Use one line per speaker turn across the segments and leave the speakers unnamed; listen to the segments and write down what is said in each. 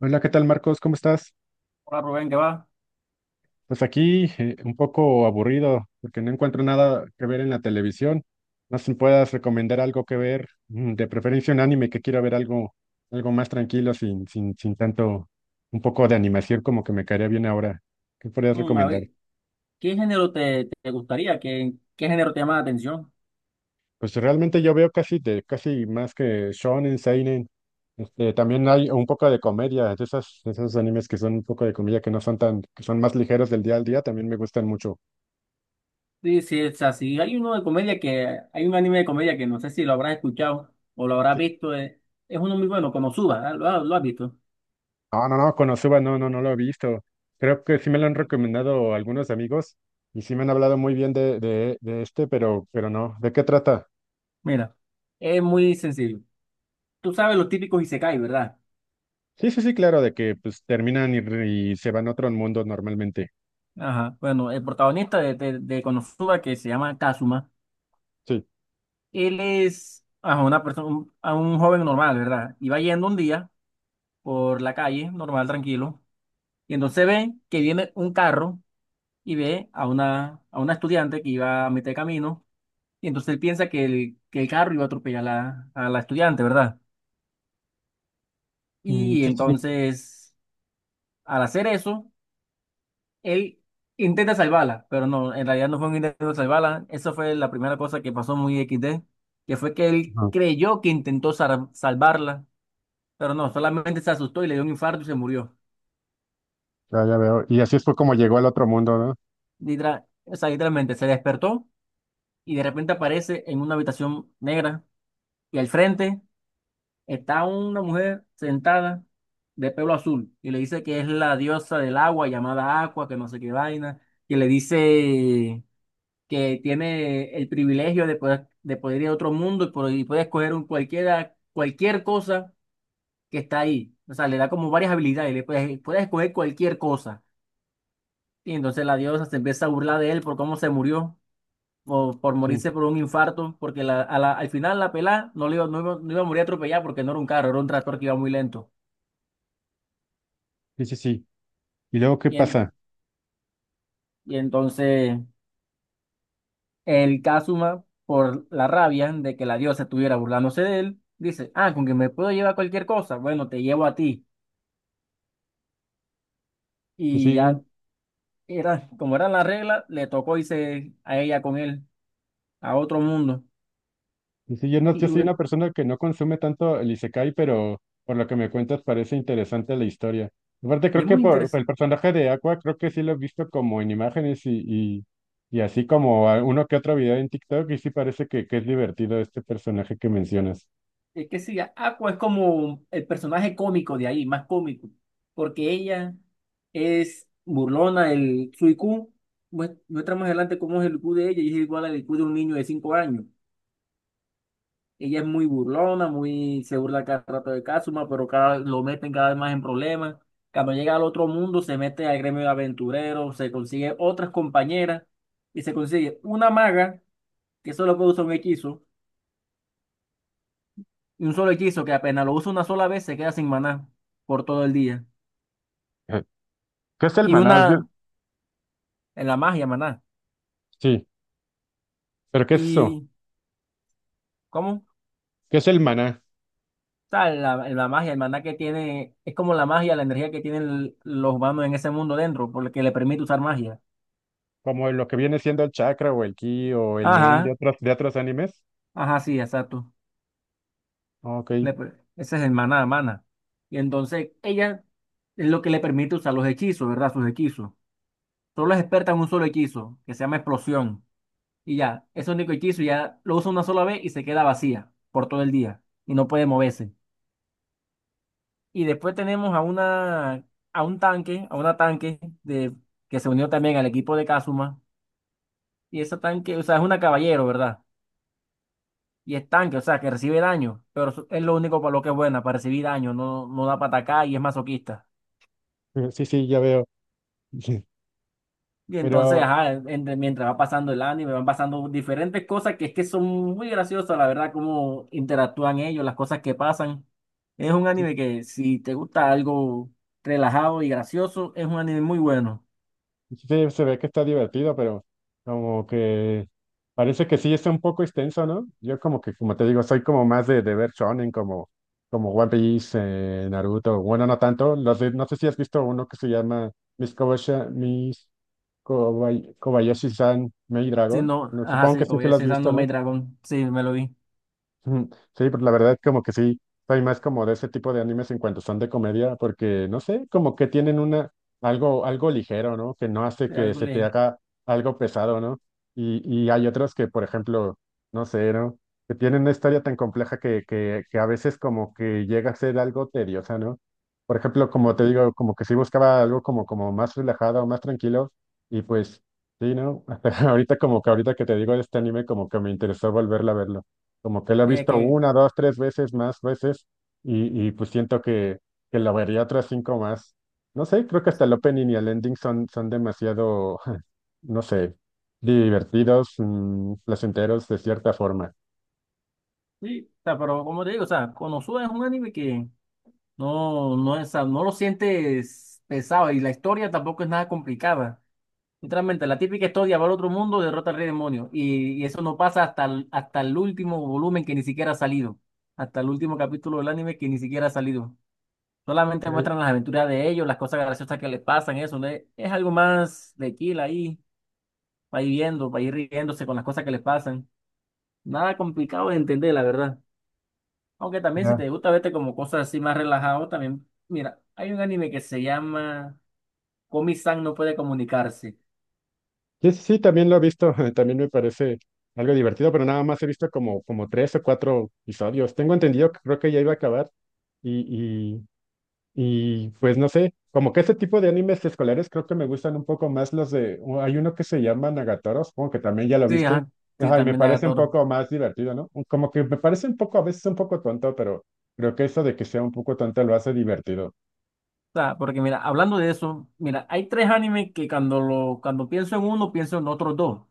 Hola, ¿qué tal, Marcos? ¿Cómo estás?
Hola Rubén, ¿qué va?
Pues aquí un poco aburrido porque no encuentro nada que ver en la televisión. No sé si puedas recomendar algo que ver, de preferencia un anime, que quiero ver algo, algo más tranquilo, sin tanto, un poco de animación, como que me caería bien ahora. ¿Qué podrías
A
recomendar?
ver, ¿qué género te gustaría? ¿Qué género te llama la atención?
Pues realmente yo veo casi casi más que shonen, seinen. También hay un poco de comedia, de esas, de esos animes que son un poco de comedia, que no son tan, que son más ligeros, del día al día, también me gustan mucho.
Sí, sí, o sea, si hay uno de comedia que, hay un anime de comedia que no sé si lo habrás escuchado o lo habrás visto, es, uno muy bueno, Konosuba, ¿ah? ¿Lo has visto?
No, no, no, Konosuba no, no, no lo he visto. Creo que sí me lo han recomendado algunos amigos y sí me han hablado muy bien de este, pero no. ¿De qué trata?
Mira, es muy sencillo. Tú sabes los típicos Isekai, ¿verdad?
Sí, sí, sí, claro, de que pues terminan y se van a otro mundo normalmente.
Ajá, bueno, el protagonista de Konosuba que se llama Kazuma,
Sí.
él es ajá, una persona, a un joven normal, ¿verdad? Y va yendo un día por la calle, normal, tranquilo. Y entonces ve que viene un carro y ve a una estudiante que iba a mitad de camino. Y entonces él piensa que que el carro iba a atropellar a la estudiante, ¿verdad?
Mm,
Y
sí, sí, sí.
entonces, al hacer eso, él intenta salvarla, pero no, en realidad no fue un intento de salvarla. Eso fue la primera cosa que pasó muy XD, que fue que él
Ajá.
creyó que intentó salvarla, pero no, solamente se asustó y le dio un infarto y se murió.
Ya, ya veo. Y así fue como llegó al otro mundo, ¿no?
O sea, literalmente se despertó y de repente aparece en una habitación negra. Y al frente está una mujer sentada de pelo azul y le dice que es la diosa del agua llamada Aqua, que no sé qué vaina, y le dice que tiene el privilegio de poder ir a otro mundo y, y puede escoger cualquier cosa que está ahí. O sea, le da como varias habilidades, puedes escoger cualquier cosa. Y entonces la diosa se empieza a burlar de él por cómo se murió, o por
Sí,
morirse por un infarto, porque al final la pelada no iba a morir atropellada porque no era un carro, era un tractor que iba muy lento.
sí, sí, sí. ¿Y luego qué
Y,
pasa?
en- y entonces el Kazuma, por la rabia de que la diosa estuviera burlándose de él, dice, ah, con que me puedo llevar cualquier cosa, bueno, te llevo a ti.
Sí,
Y
sí.
ya era, como era la regla, le tocó irse a ella con él, a otro mundo.
Y sí, yo, no,
Y,
yo
y
soy
bueno,
una persona que no consume tanto el Isekai, pero por lo que me cuentas parece interesante la historia. Aparte,
y
creo
es
que
muy
por el
interesante.
personaje de Aqua, creo que sí lo he visto como en imágenes, y uno que otro video en TikTok, y sí parece que es divertido este personaje que mencionas.
Es que sí, Aqua es como el personaje cómico de ahí, más cómico, porque ella es burlona, su IQ, muestra más adelante cómo es el IQ de ella y es igual al IQ de un niño de 5 años. Ella es muy burlona, muy, se burla cada rato de Kazuma, pero lo meten cada vez más en problemas. Cuando llega al otro mundo, se mete al gremio de aventureros, se consigue otras compañeras y se consigue una maga que solo puede usar un hechizo. Y un solo hechizo que apenas lo usa una sola vez se queda sin maná por todo el día.
Ajá. ¿Qué es el
Y
maná?
una en la magia, maná.
Sí, pero ¿qué es eso?
¿Y cómo?
¿Qué es el maná?
O sea, la magia, el maná que tiene, es como la magia, la energía que tienen los humanos en ese mundo dentro, por lo que le permite usar magia.
Como lo que viene siendo el chakra, o el ki, o el nen
Ajá,
de otros animes.
ajá, sí, exacto.
Ok,
Ese es el maná, mana. Y entonces ella es lo que le permite usar los hechizos, ¿verdad? Sus hechizos. Solo es experta en un solo hechizo, que se llama explosión. Y ya, es el único hechizo, ya lo usa una sola vez y se queda vacía por todo el día y no puede moverse. Y después tenemos a una a un tanque, a una tanque de que se unió también al equipo de Kazuma, y ese tanque, o sea, es una caballero, ¿verdad? Y es tanque, o sea, que recibe daño, pero eso es lo único para lo que es buena, para recibir daño, no da para atacar y es masoquista.
sí, sí, ya veo.
Y entonces,
Pero
ajá, mientras va pasando el anime, van pasando diferentes cosas que es que son muy graciosas, la verdad, cómo interactúan ellos, las cosas que pasan. Es un anime que si te gusta algo relajado y gracioso, es un anime muy bueno.
sí, se ve que está divertido, pero como que parece que sí está un poco extenso, ¿no? Yo como que, como te digo, soy como más de ver shonen, como, como One Piece, Naruto, bueno, no tanto, no sé si has visto uno que se llama Miss Kobashi- Miss Kobay- Kobayashi-san Maid
Si
Dragon,
no,
no,
ajá,
supongo que
sí,
sí
como
se
ya
lo has
decía, esa
visto,
No me
¿no?
Dragon, sí, me lo vi.
Ujú. Sí, pues la verdad como que sí, soy más como de ese tipo de animes en cuanto son de comedia, porque no sé, como que tienen una algo ligero, ¿no? Que no hace
Sí,
que
algo
se te
le...
haga algo pesado, ¿no? Y hay otros que, por ejemplo, no sé, ¿no? Que tienen una historia tan compleja que, que a veces como que llega a ser algo tediosa, ¿no? Por ejemplo, como
sí,
te digo, como que sí buscaba algo como, como más relajado, más tranquilo, y pues sí, ¿no? Ahorita como que ahorita que te digo de este anime, como que me interesó volverla a verlo, como que la he
es
visto
que,
una, dos, tres veces, más veces, y pues siento que la vería otras cinco más. No sé, creo que hasta el opening y el ending son, son demasiado, no sé, divertidos, placenteros de cierta forma.
sí, o sea, pero como te digo, o sea, Konosuba es un anime que no, no, no lo sientes pesado y la historia tampoco es nada complicada. Literalmente, la típica historia va al otro mundo, derrota al rey demonio. Y eso no pasa hasta hasta el último volumen que ni siquiera ha salido. Hasta el último capítulo del anime que ni siquiera ha salido. Solamente
Ya,
muestran las aventuras de ellos, las cosas graciosas que les pasan, eso, ¿no? Es algo más de kill ahí, para ir viendo, para ir riéndose con las cosas que les pasan. Nada complicado de entender, la verdad. Aunque también si te
ya.
gusta verte como cosas así más relajado, también, mira, hay un anime que se llama Komi-san no puede comunicarse.
Sí, sí, sí, también lo he visto, también me parece algo divertido, pero nada más he visto como, como tres o cuatro episodios. Tengo entendido que creo que ya iba a acabar. Y, y pues no sé, como que ese tipo de animes escolares, creo que me gustan un poco más hay uno que se llama Nagatoro, supongo que también ya lo
Sí,
viste,
ajá, sí,
ajá, y me
también de
parece un
Agatoro.
poco más divertido, ¿no? Como que me parece un poco, a veces un poco tonto, pero creo que eso de que sea un poco tonto lo hace divertido.
Sea, porque mira, hablando de eso, mira, hay tres animes que cuando pienso en uno, pienso en otros dos.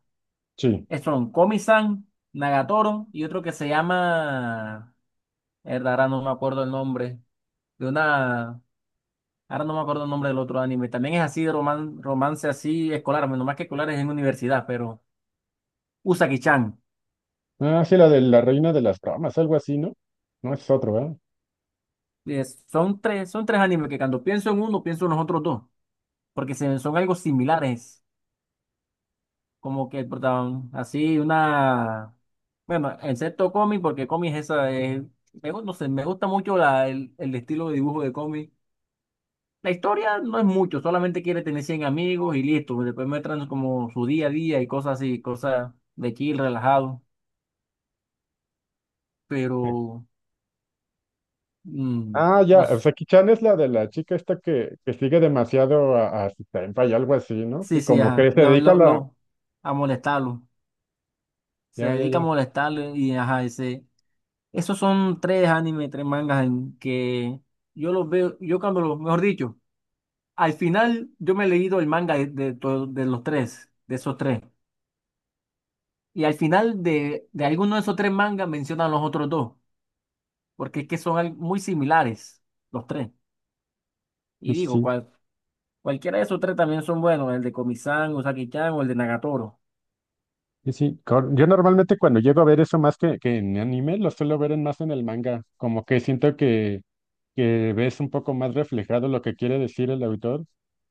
Sí.
Son Komi-san, Nagatoro y otro que se llama... Mierda, ahora no me acuerdo el nombre. De una... Ahora no me acuerdo el nombre del otro anime. También es así de romance así escolar, menos más que escolar es en universidad, pero Usagi-chan.
Ah, sí, la de la reina de las ramas, algo así, ¿no? No es otro, ¿verdad?
Son tres, animes que cuando pienso en uno, pienso en los otros dos, porque son algo similares. Como que el protagonista, así una, bueno, excepto cómic, porque cómic es esa, no sé, me gusta mucho el estilo de dibujo de cómic. La historia no es mucho, solamente quiere tener 100 amigos y listo, pues, después muestran como su día a día y cosas así, cosas de chill, relajado, pero, mm,
Ah, ya,
no
o
sé.
sea, Kichan es la de la chica esta que sigue demasiado a su senpai, y algo así, ¿no?
Sí,
Que
sí,
como que
ajá,
se dedica a la...
a molestarlo, se
Ya, ya,
dedica a
ya.
molestarlo y ajá, ese. Esos son tres animes, tres mangas en que yo los veo, yo cuando los, mejor dicho, al final yo me he leído el manga de los tres, de esos tres. Y al final de alguno de esos tres mangas mencionan los otros dos, porque es que son muy similares los tres.
Sí,
Y
sí,
digo,
sí.
cualquiera de esos tres también son buenos, el de Komi-san, Usagi-chan o el de Nagatoro.
Y sí, yo normalmente cuando llego a ver eso más que en anime, lo suelo ver más en el manga, como que siento que ves un poco más reflejado lo que quiere decir el autor,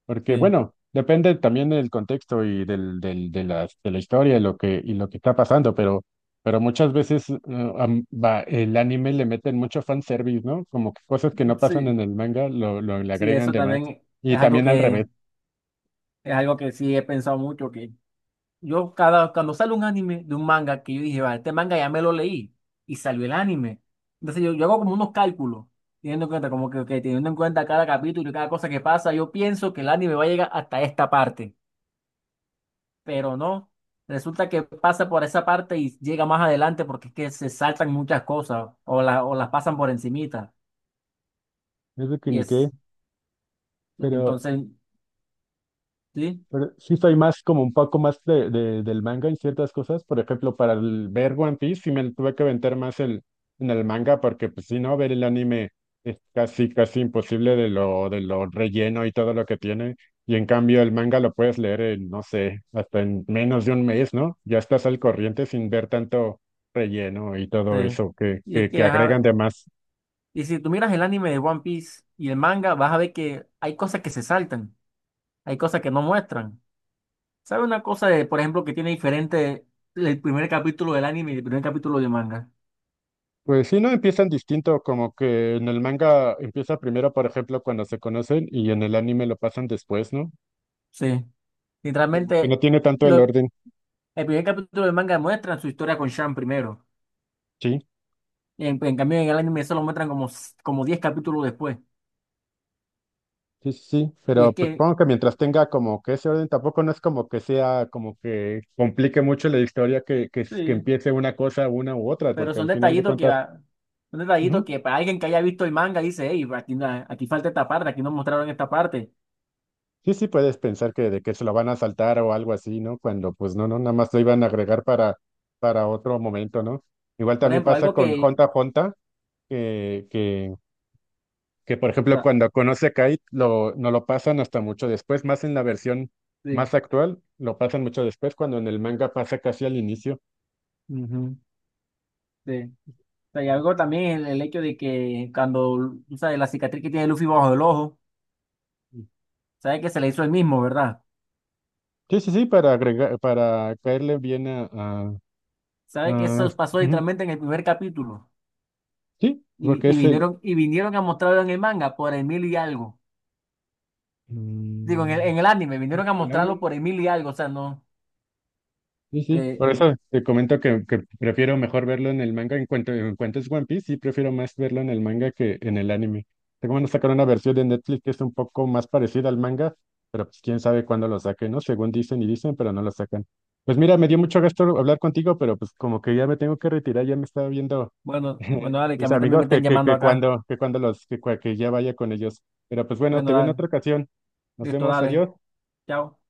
porque
Sí,
bueno, depende también del contexto y de de la historia, y lo que está pasando, pero muchas veces el anime le meten mucho fanservice, ¿no? Como que cosas que no pasan
sí,
en el manga lo le
sí,
agregan
eso
de más,
también
y
es algo
también al
que,
revés,
es algo que sí he pensado mucho. Yo cuando sale un anime de un manga que yo dije, vale, este manga ya me lo leí y salió el anime. Entonces yo, hago como unos cálculos, teniendo en cuenta, que teniendo en cuenta cada capítulo y cada cosa que pasa, yo pienso que el anime va a llegar hasta esta parte, pero no. Resulta que pasa por esa parte y llega más adelante porque es que se saltan muchas cosas o, o las pasan por encimita.
es de que
Y
ni
es,
qué, pero...
entonces, sí,
Pero sí soy más como un poco más del manga en ciertas cosas. Por ejemplo, para ver One Piece sí me tuve que aventar más en el manga, porque pues si no, ver el anime es casi, casi imposible de lo relleno y todo lo que tiene. Y en cambio el manga lo puedes leer en, no sé, hasta en menos de un mes, ¿no? Ya estás al corriente sin ver tanto relleno y todo
sí.
eso
Y es
que
que, ajá,
agregan de más.
y si tú miras el anime de One Piece y el manga, vas a ver que hay cosas que se saltan. Hay cosas que no muestran. ¿Sabe una cosa de, por ejemplo, que tiene diferente el primer capítulo del anime y el primer capítulo de manga?
Pues sí, no empiezan distinto, como que en el manga empieza primero, por ejemplo, cuando se conocen, y en el anime lo pasan después, ¿no?
Sí.
Como que
Literalmente,
no tiene tanto el
lo,
orden,
el primer capítulo de manga muestra su historia con Shan primero.
sí,
Y en, cambio, en el anime solo muestran como, como 10 capítulos después.
sí, sí, sí,
Y
pero
es
pues
que,
supongo que mientras tenga como que ese orden, tampoco no es como que sea como que complique mucho la historia, que
sí,
empiece una cosa, una u otra,
pero
porque
son
al final de
detallitos que,
cuentas,
son detallitos
ujú,
que para alguien que haya visto el manga dice, hey, aquí, aquí falta esta parte, aquí no mostraron esta parte.
sí, sí puedes pensar que de que se lo van a saltar o algo así, ¿no? Cuando pues no, no, nada más lo iban a agregar para otro momento, ¿no? Igual
Por
también
ejemplo,
pasa
algo
con
que,
Honta Honta que, que que por
o
ejemplo
sea,
cuando conoce a Kate no lo pasan hasta mucho después, más en la versión
sí,
más actual, lo pasan mucho después, cuando en el manga pasa casi al inicio.
ujú, sí. O sea, y algo también el hecho de que cuando, tú sabes, la cicatriz que tiene Luffy bajo el ojo, sabe que se la hizo él mismo, ¿verdad?
Sí, sí, sí, para agregar, para caerle bien a,
Sabe que
a-
eso pasó
ujú,
literalmente en el primer capítulo.
sí, porque
Y
es el,
vinieron a mostrarlo en el manga por el mil y algo. Digo, en el,
mm,
en el anime, vinieron a
el
mostrarlo
anime.
por el mil y algo. O sea, no.
Sí, sí,
eh,
por eso te comento que prefiero mejor verlo en el manga. En cuanto es One Piece, sí prefiero más verlo en el manga que en el anime. Tengo, van a sacar una versión de Netflix que es un poco más parecida al manga, pero pues quién sabe cuándo lo saquen, ¿no? Según dicen y dicen, pero no lo sacan. Pues mira, me dio mucho gusto hablar contigo, pero pues como que ya me tengo que retirar, ya me estaba viendo
bueno, bueno, dale, que a
mis
mí también me
amigos
están llamando acá.
que cuando los, que ya vaya con ellos. Pero pues bueno, te
Bueno,
veo en
dale,
otra ocasión. Nos
listo,
vemos,
dale.
adiós.
Chao.